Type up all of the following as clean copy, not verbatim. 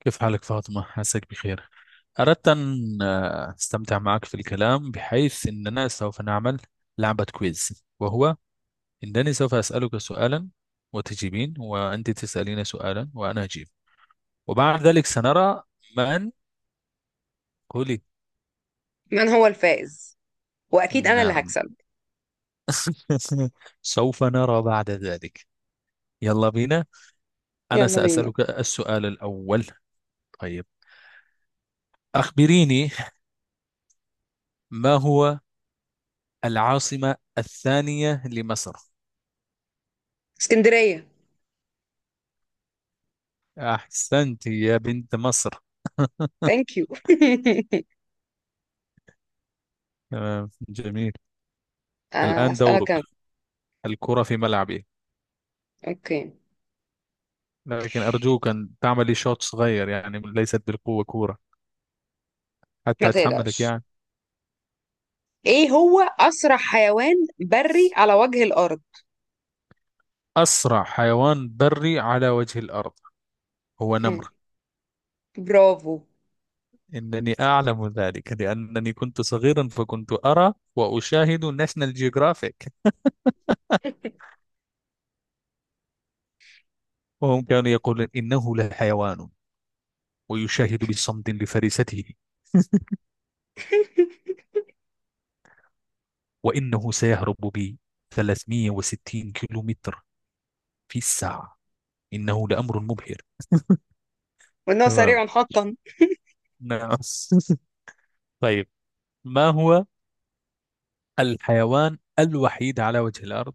كيف حالك فاطمة؟ عساك بخير. أردت أن أستمتع معك في الكلام بحيث أننا سوف نعمل لعبة كويز، وهو أنني سوف أسألك سؤالا وتجيبين، وأنت تسألين سؤالا وأنا أجيب، وبعد ذلك سنرى من. قولي. من هو الفائز؟ واكيد انا اللي نعم. هكسب. سوف نرى بعد ذلك. يلا بينا. أنا يلا بينا. سأسألك السؤال الأول. طيب، أخبريني، ما هو العاصمة الثانية لمصر؟ اسكندرية. أحسنت يا بنت مصر. ثانك يو. تمام، جميل. الآن دورك، اسالك انا. الكرة في ملعبي، اوكي. لكن أرجوك أن تعملي شوط صغير، يعني ليست بالقوة كورة، ما حتى أتحملك تقلقش. يعني. ايه هو اسرع حيوان بري على وجه الارض؟ أسرع حيوان بري على وجه الأرض هو مم. نمر. برافو. إنني أعلم ذلك لأنني كنت صغيرا فكنت أرى وأشاهد ناشونال جيوغرافيك، وهم كانوا يقولون إنه لحيوان ويشاهد بصمت لفريسته، وإنه سيهرب بي 360 كيلومتر في الساعة. إنه لأمر مبهر. وانه تمام. سريع حقا. نعم. طيب، ما هو الحيوان الوحيد على وجه الأرض؟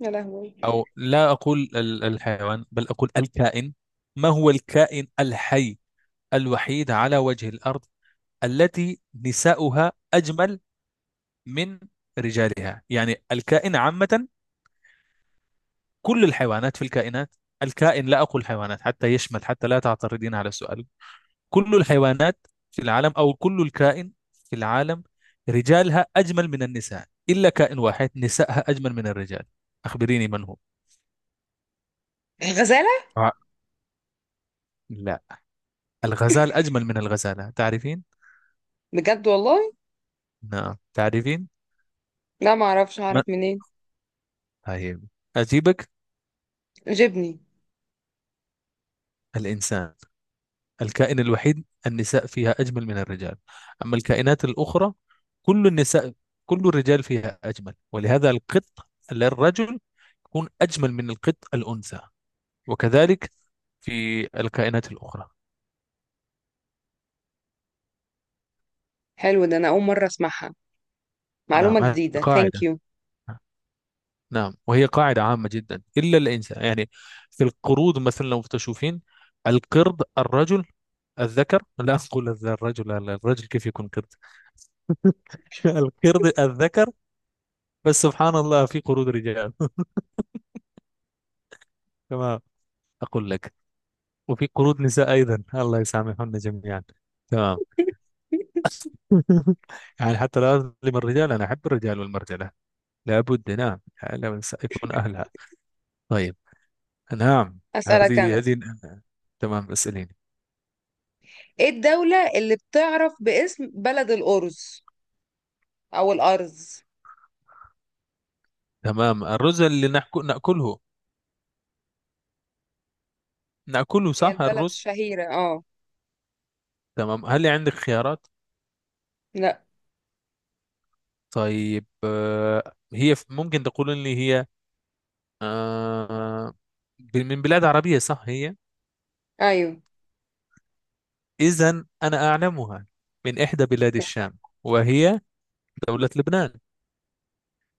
يا لهوي. أو لا أقول الحيوان، بل أقول الكائن. ما هو الكائن الحي الوحيد على وجه الأرض التي نساؤها أجمل من رجالها؟ يعني الكائن عامة، كل الحيوانات في الكائنات، الكائن، لا أقول حيوانات حتى يشمل، حتى لا تعترضين على السؤال. كل الحيوانات في العالم، أو كل الكائن في العالم، رجالها أجمل من النساء، إلا كائن واحد نسائها أجمل من الرجال. أخبريني من هو. الغزالة. آه. لا، الغزال أجمل من الغزالة، تعرفين؟ بجد والله؟ نعم، تعرفين؟ لا ما اعرفش، اعرف ما. منين؟ طيب، أجيبك: جبني. الإنسان، الكائن الوحيد النساء فيها أجمل من الرجال. أما الكائنات الأخرى، كل النساء، كل الرجال فيها أجمل، ولهذا القط للرجل يكون أجمل من القط الأنثى، وكذلك في الكائنات الأخرى. حلو ده، انا اول مرة اسمعها، نعم، معلومة هذه جديدة. ثانك قاعدة. يو. نعم، وهي قاعدة عامة جدا، إلا الإنسان يعني. في القرود مثلا، لو تشوفين القرد الرجل الذكر، لا أقول الرجل، لا لا، الرجل كيف يكون قرد؟ القرد الذكر. بس سبحان الله، في قرود رجال. تمام، أقول لك، وفي قرود نساء أيضا، الله يسامحنا جميعا. تمام. يعني حتى لا أظلم الرجال، أنا أحب الرجال والمرجلة، لابد، نعم، لا يكون أهلها. طيب. نعم. اسالك هذه انا. هذه تمام، اسأليني. ايه الدولة اللي بتعرف باسم بلد الارز او الارز؟ تمام، الرز اللي نأكله، نأكله، هي صح، البلد الرز. شهيرة، اه. تمام، هل عندك خيارات؟ لا. طيب، هي ممكن تقول لي هي، آه، من بلاد عربية صح هي؟ ايوه. إذا أنا أعلمها، من إحدى بلاد الشام، وهي دولة لبنان.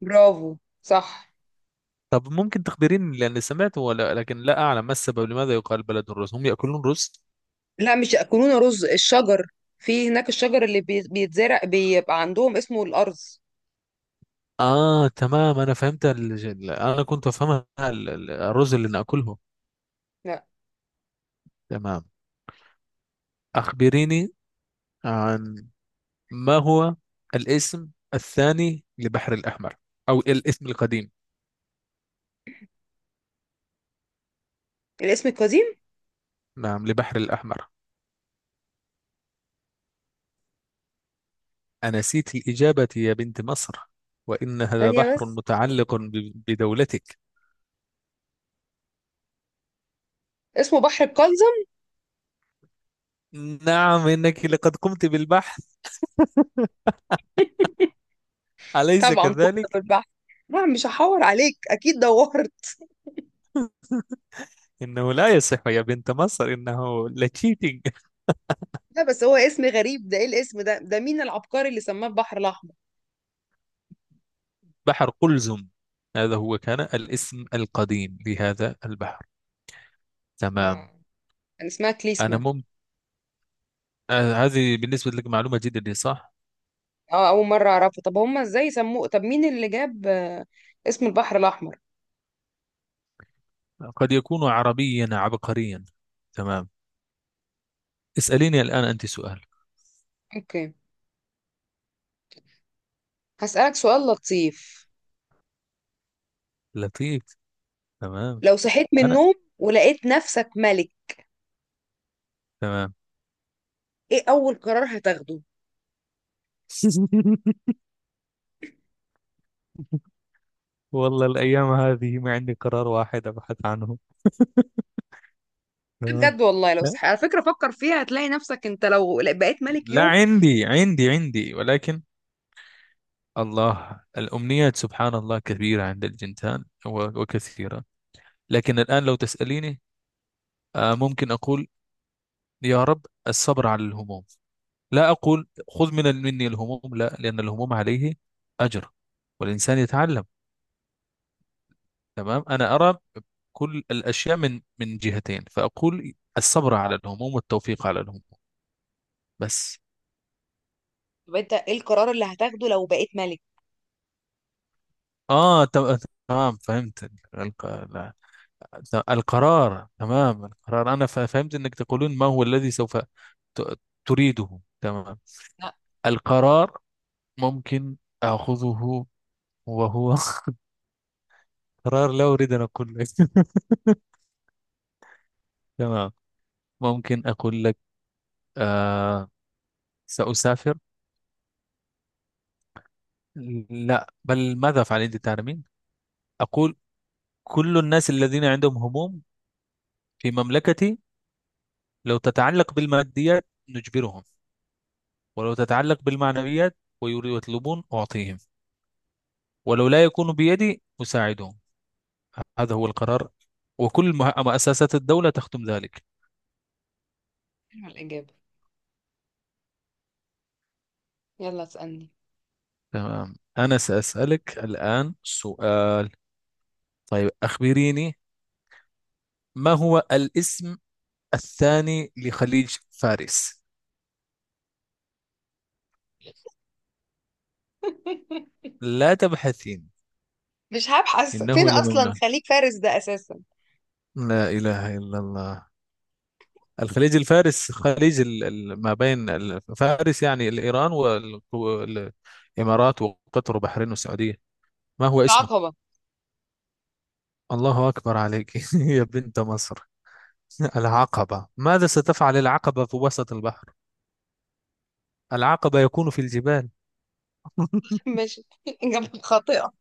برافو، صح. طب ممكن تخبريني، لأني سمعت ولا، لكن لا أعلم ما السبب، لماذا يقال بلد الرز؟ هم يأكلون رز؟ لا مش يأكلون رز، الشجر، في هناك الشجر اللي بيتزرع بيبقى عندهم اسمه الأرز. اه، تمام، انا فهمت انا كنت افهمها الرز اللي ناكله. لا. تمام، اخبريني عن، ما هو الاسم الثاني لبحر الاحمر، او الاسم القديم؟ الاسم القديم؟ نعم، لبحر الاحمر. انسيت الاجابه يا بنت مصر، وان هذا ثانية بحر بس. متعلق بدولتك. اسمه بحر القلزم. نعم، انك لقد قمت بالبحث، اليس طبعا، كذلك؟ كنت بالبحر. لا مش هحور عليك، أكيد دورت. انه لا يصح يا بنت مصر، انه لتشيتنج. لا بس هو اسم غريب ده، ايه الاسم ده؟ ده مين العبقري اللي سماه البحر الأحمر؟ بحر قلزم، هذا هو كان الاسم القديم لهذا البحر. تمام. آه. كان اسمها أنا كليسما. مم... هذه بالنسبة لك معلومة جديدة صح؟ اه، أول مرة أعرفه. طب هما ازاي سموه؟ طب مين اللي جاب اسم البحر الأحمر؟ قد يكون عربيا عبقريا. تمام، اسأليني الآن أنت سؤال اوكي. هسألك سؤال لطيف. لطيف. تمام، لو صحيت من أنا. النوم ولقيت نفسك ملك، تمام. ايه اول قرار هتاخده؟ والله الأيام هذه ما عندي قرار واحد أبحث عنه. تمام. بجد والله، لو لا، على فكرة فكر فيها، هتلاقي نفسك، انت لو بقيت ملك لا، يوم. عندي، ولكن الله الأمنيات سبحان الله كبيرة عند الجنتان وكثيرة، لكن الآن لو تسأليني، ممكن أقول: يا رب الصبر على الهموم. لا أقول خذ من مني الهموم، لا، لأن الهموم عليه أجر، والإنسان يتعلم. تمام، أنا أرى كل الأشياء من جهتين، فأقول الصبر على الهموم والتوفيق على الهموم. بس. طب انت ايه القرار اللي هتاخده لو بقيت ملك؟ آه ت- تمام، فهمت. الق- لا، ت- القرار، تمام، القرار أنا فهمت أنك تقولون ما هو الذي سوف ت- تريده، تمام. لا. القرار ممكن أخذه وهو، قرار لا أريد أن أقول لك. تمام، ممكن أقول لك، آه سأسافر، لا، بل ماذا أفعل؟ أنت تعلمين. أقول كل الناس الذين عندهم هموم في مملكتي، لو تتعلق بالماديات نجبرهم، ولو تتعلق بالمعنويات ويطلبون أعطيهم، ولو لا يكون بيدي أساعدهم. هذا هو القرار، وكل مؤسسات الدولة تختم ذلك. حلوة الإجابة. يلا اسألني. تمام، أنا سأسألك الآن سؤال. طيب، أخبريني، ما هو الاسم الثاني لخليج فارس؟ لا تبحثين، مش هبحث، فين إنه اصلا لممنوع، خليك فارس ده اساسا ده. لا إله إلا الله. الخليج الفارس، خليج ما بين فارس يعني الإيران، والإمارات وقطر وبحرين والسعودية، ما هو اسمه؟ عقبة. الله أكبر عليك. يا بنت مصر. العقبة؟ ماذا ستفعل العقبة في وسط البحر؟ العقبة يكون في الجبال. ماشي، اجابة خاطئة.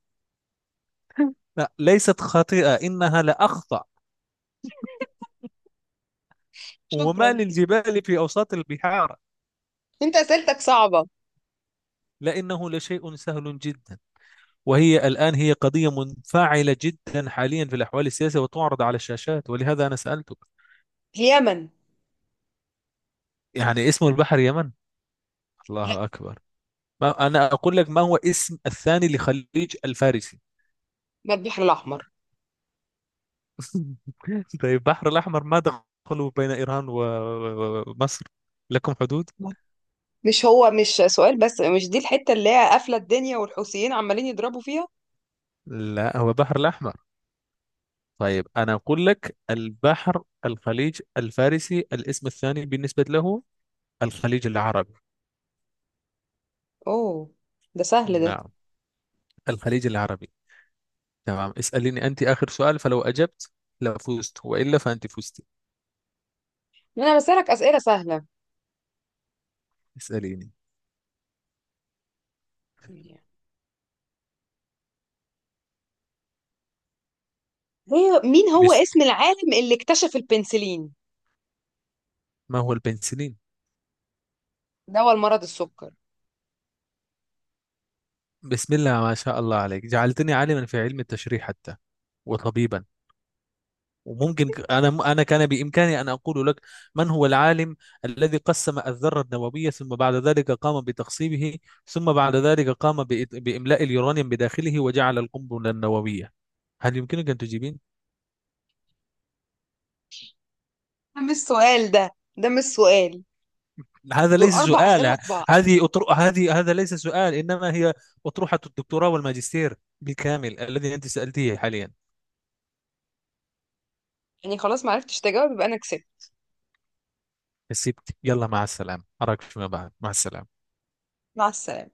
لا، ليست خاطئة، إنها لأخطأ. وما شكرا. للجبال في أوساط البحار؟ انت اسئلتك صعبة. لأنه لشيء سهل جدا، وهي الآن هي قضية منفعلة جدا حاليا في الأحوال السياسية وتعرض على الشاشات، ولهذا أنا سألتك. اليمن. يعني اسم البحر يمن؟ لا. الله أكبر، ما أنا أقول لك ما هو اسم الثاني لخليج الفارسي. ما البحر الأحمر. طيب، البحر الأحمر، ما دخلوا بين إيران ومصر؟ لكم حدود. مش هو مش سؤال، بس مش دي الحتة اللي هي قافلة الدنيا والحوثيين عمالين يضربوا فيها؟ لا، هو بحر الأحمر. طيب، أنا أقول لك البحر الخليج الفارسي الاسم الثاني بالنسبة له الخليج العربي. اوه، ده سهل ده. نعم، الخليج العربي. تمام، اسأليني أنت آخر سؤال، فلو أجبت لفزت، وإلا فأنت فزت. انا بسألك أسئلة سهلة. اسأليني. هي مين هو بس اسم العالم اللي اكتشف البنسلين؟ ما هو البنسلين؟ دواء المرض السكر. بسم الله ما شاء الله عليك، جعلتني عالما في علم التشريح حتى، وطبيبا. وممكن أنا كان بإمكاني أن أقول لك من هو العالم الذي قسم الذرة النووية، ثم بعد ذلك قام بتقسيمه، ثم بعد ذلك قام بإملاء اليورانيوم بداخله وجعل القنبلة النووية. هل يمكنك أن تجيبين؟ ده مش سؤال ده، ده مش سؤال، هذا دول ليس أربع أسئلة سؤال. في بعض. هذه هذا ليس سؤال، إنما هي أطروحة الدكتوراه والماجستير بالكامل الذي أنت سألتيه حاليا. يعني خلاص ما عرفتش تجاوب، يبقى أنا كسبت. كسبت، يلا مع السلامة، أراك فيما بعد، مع السلامة. مع السلامة.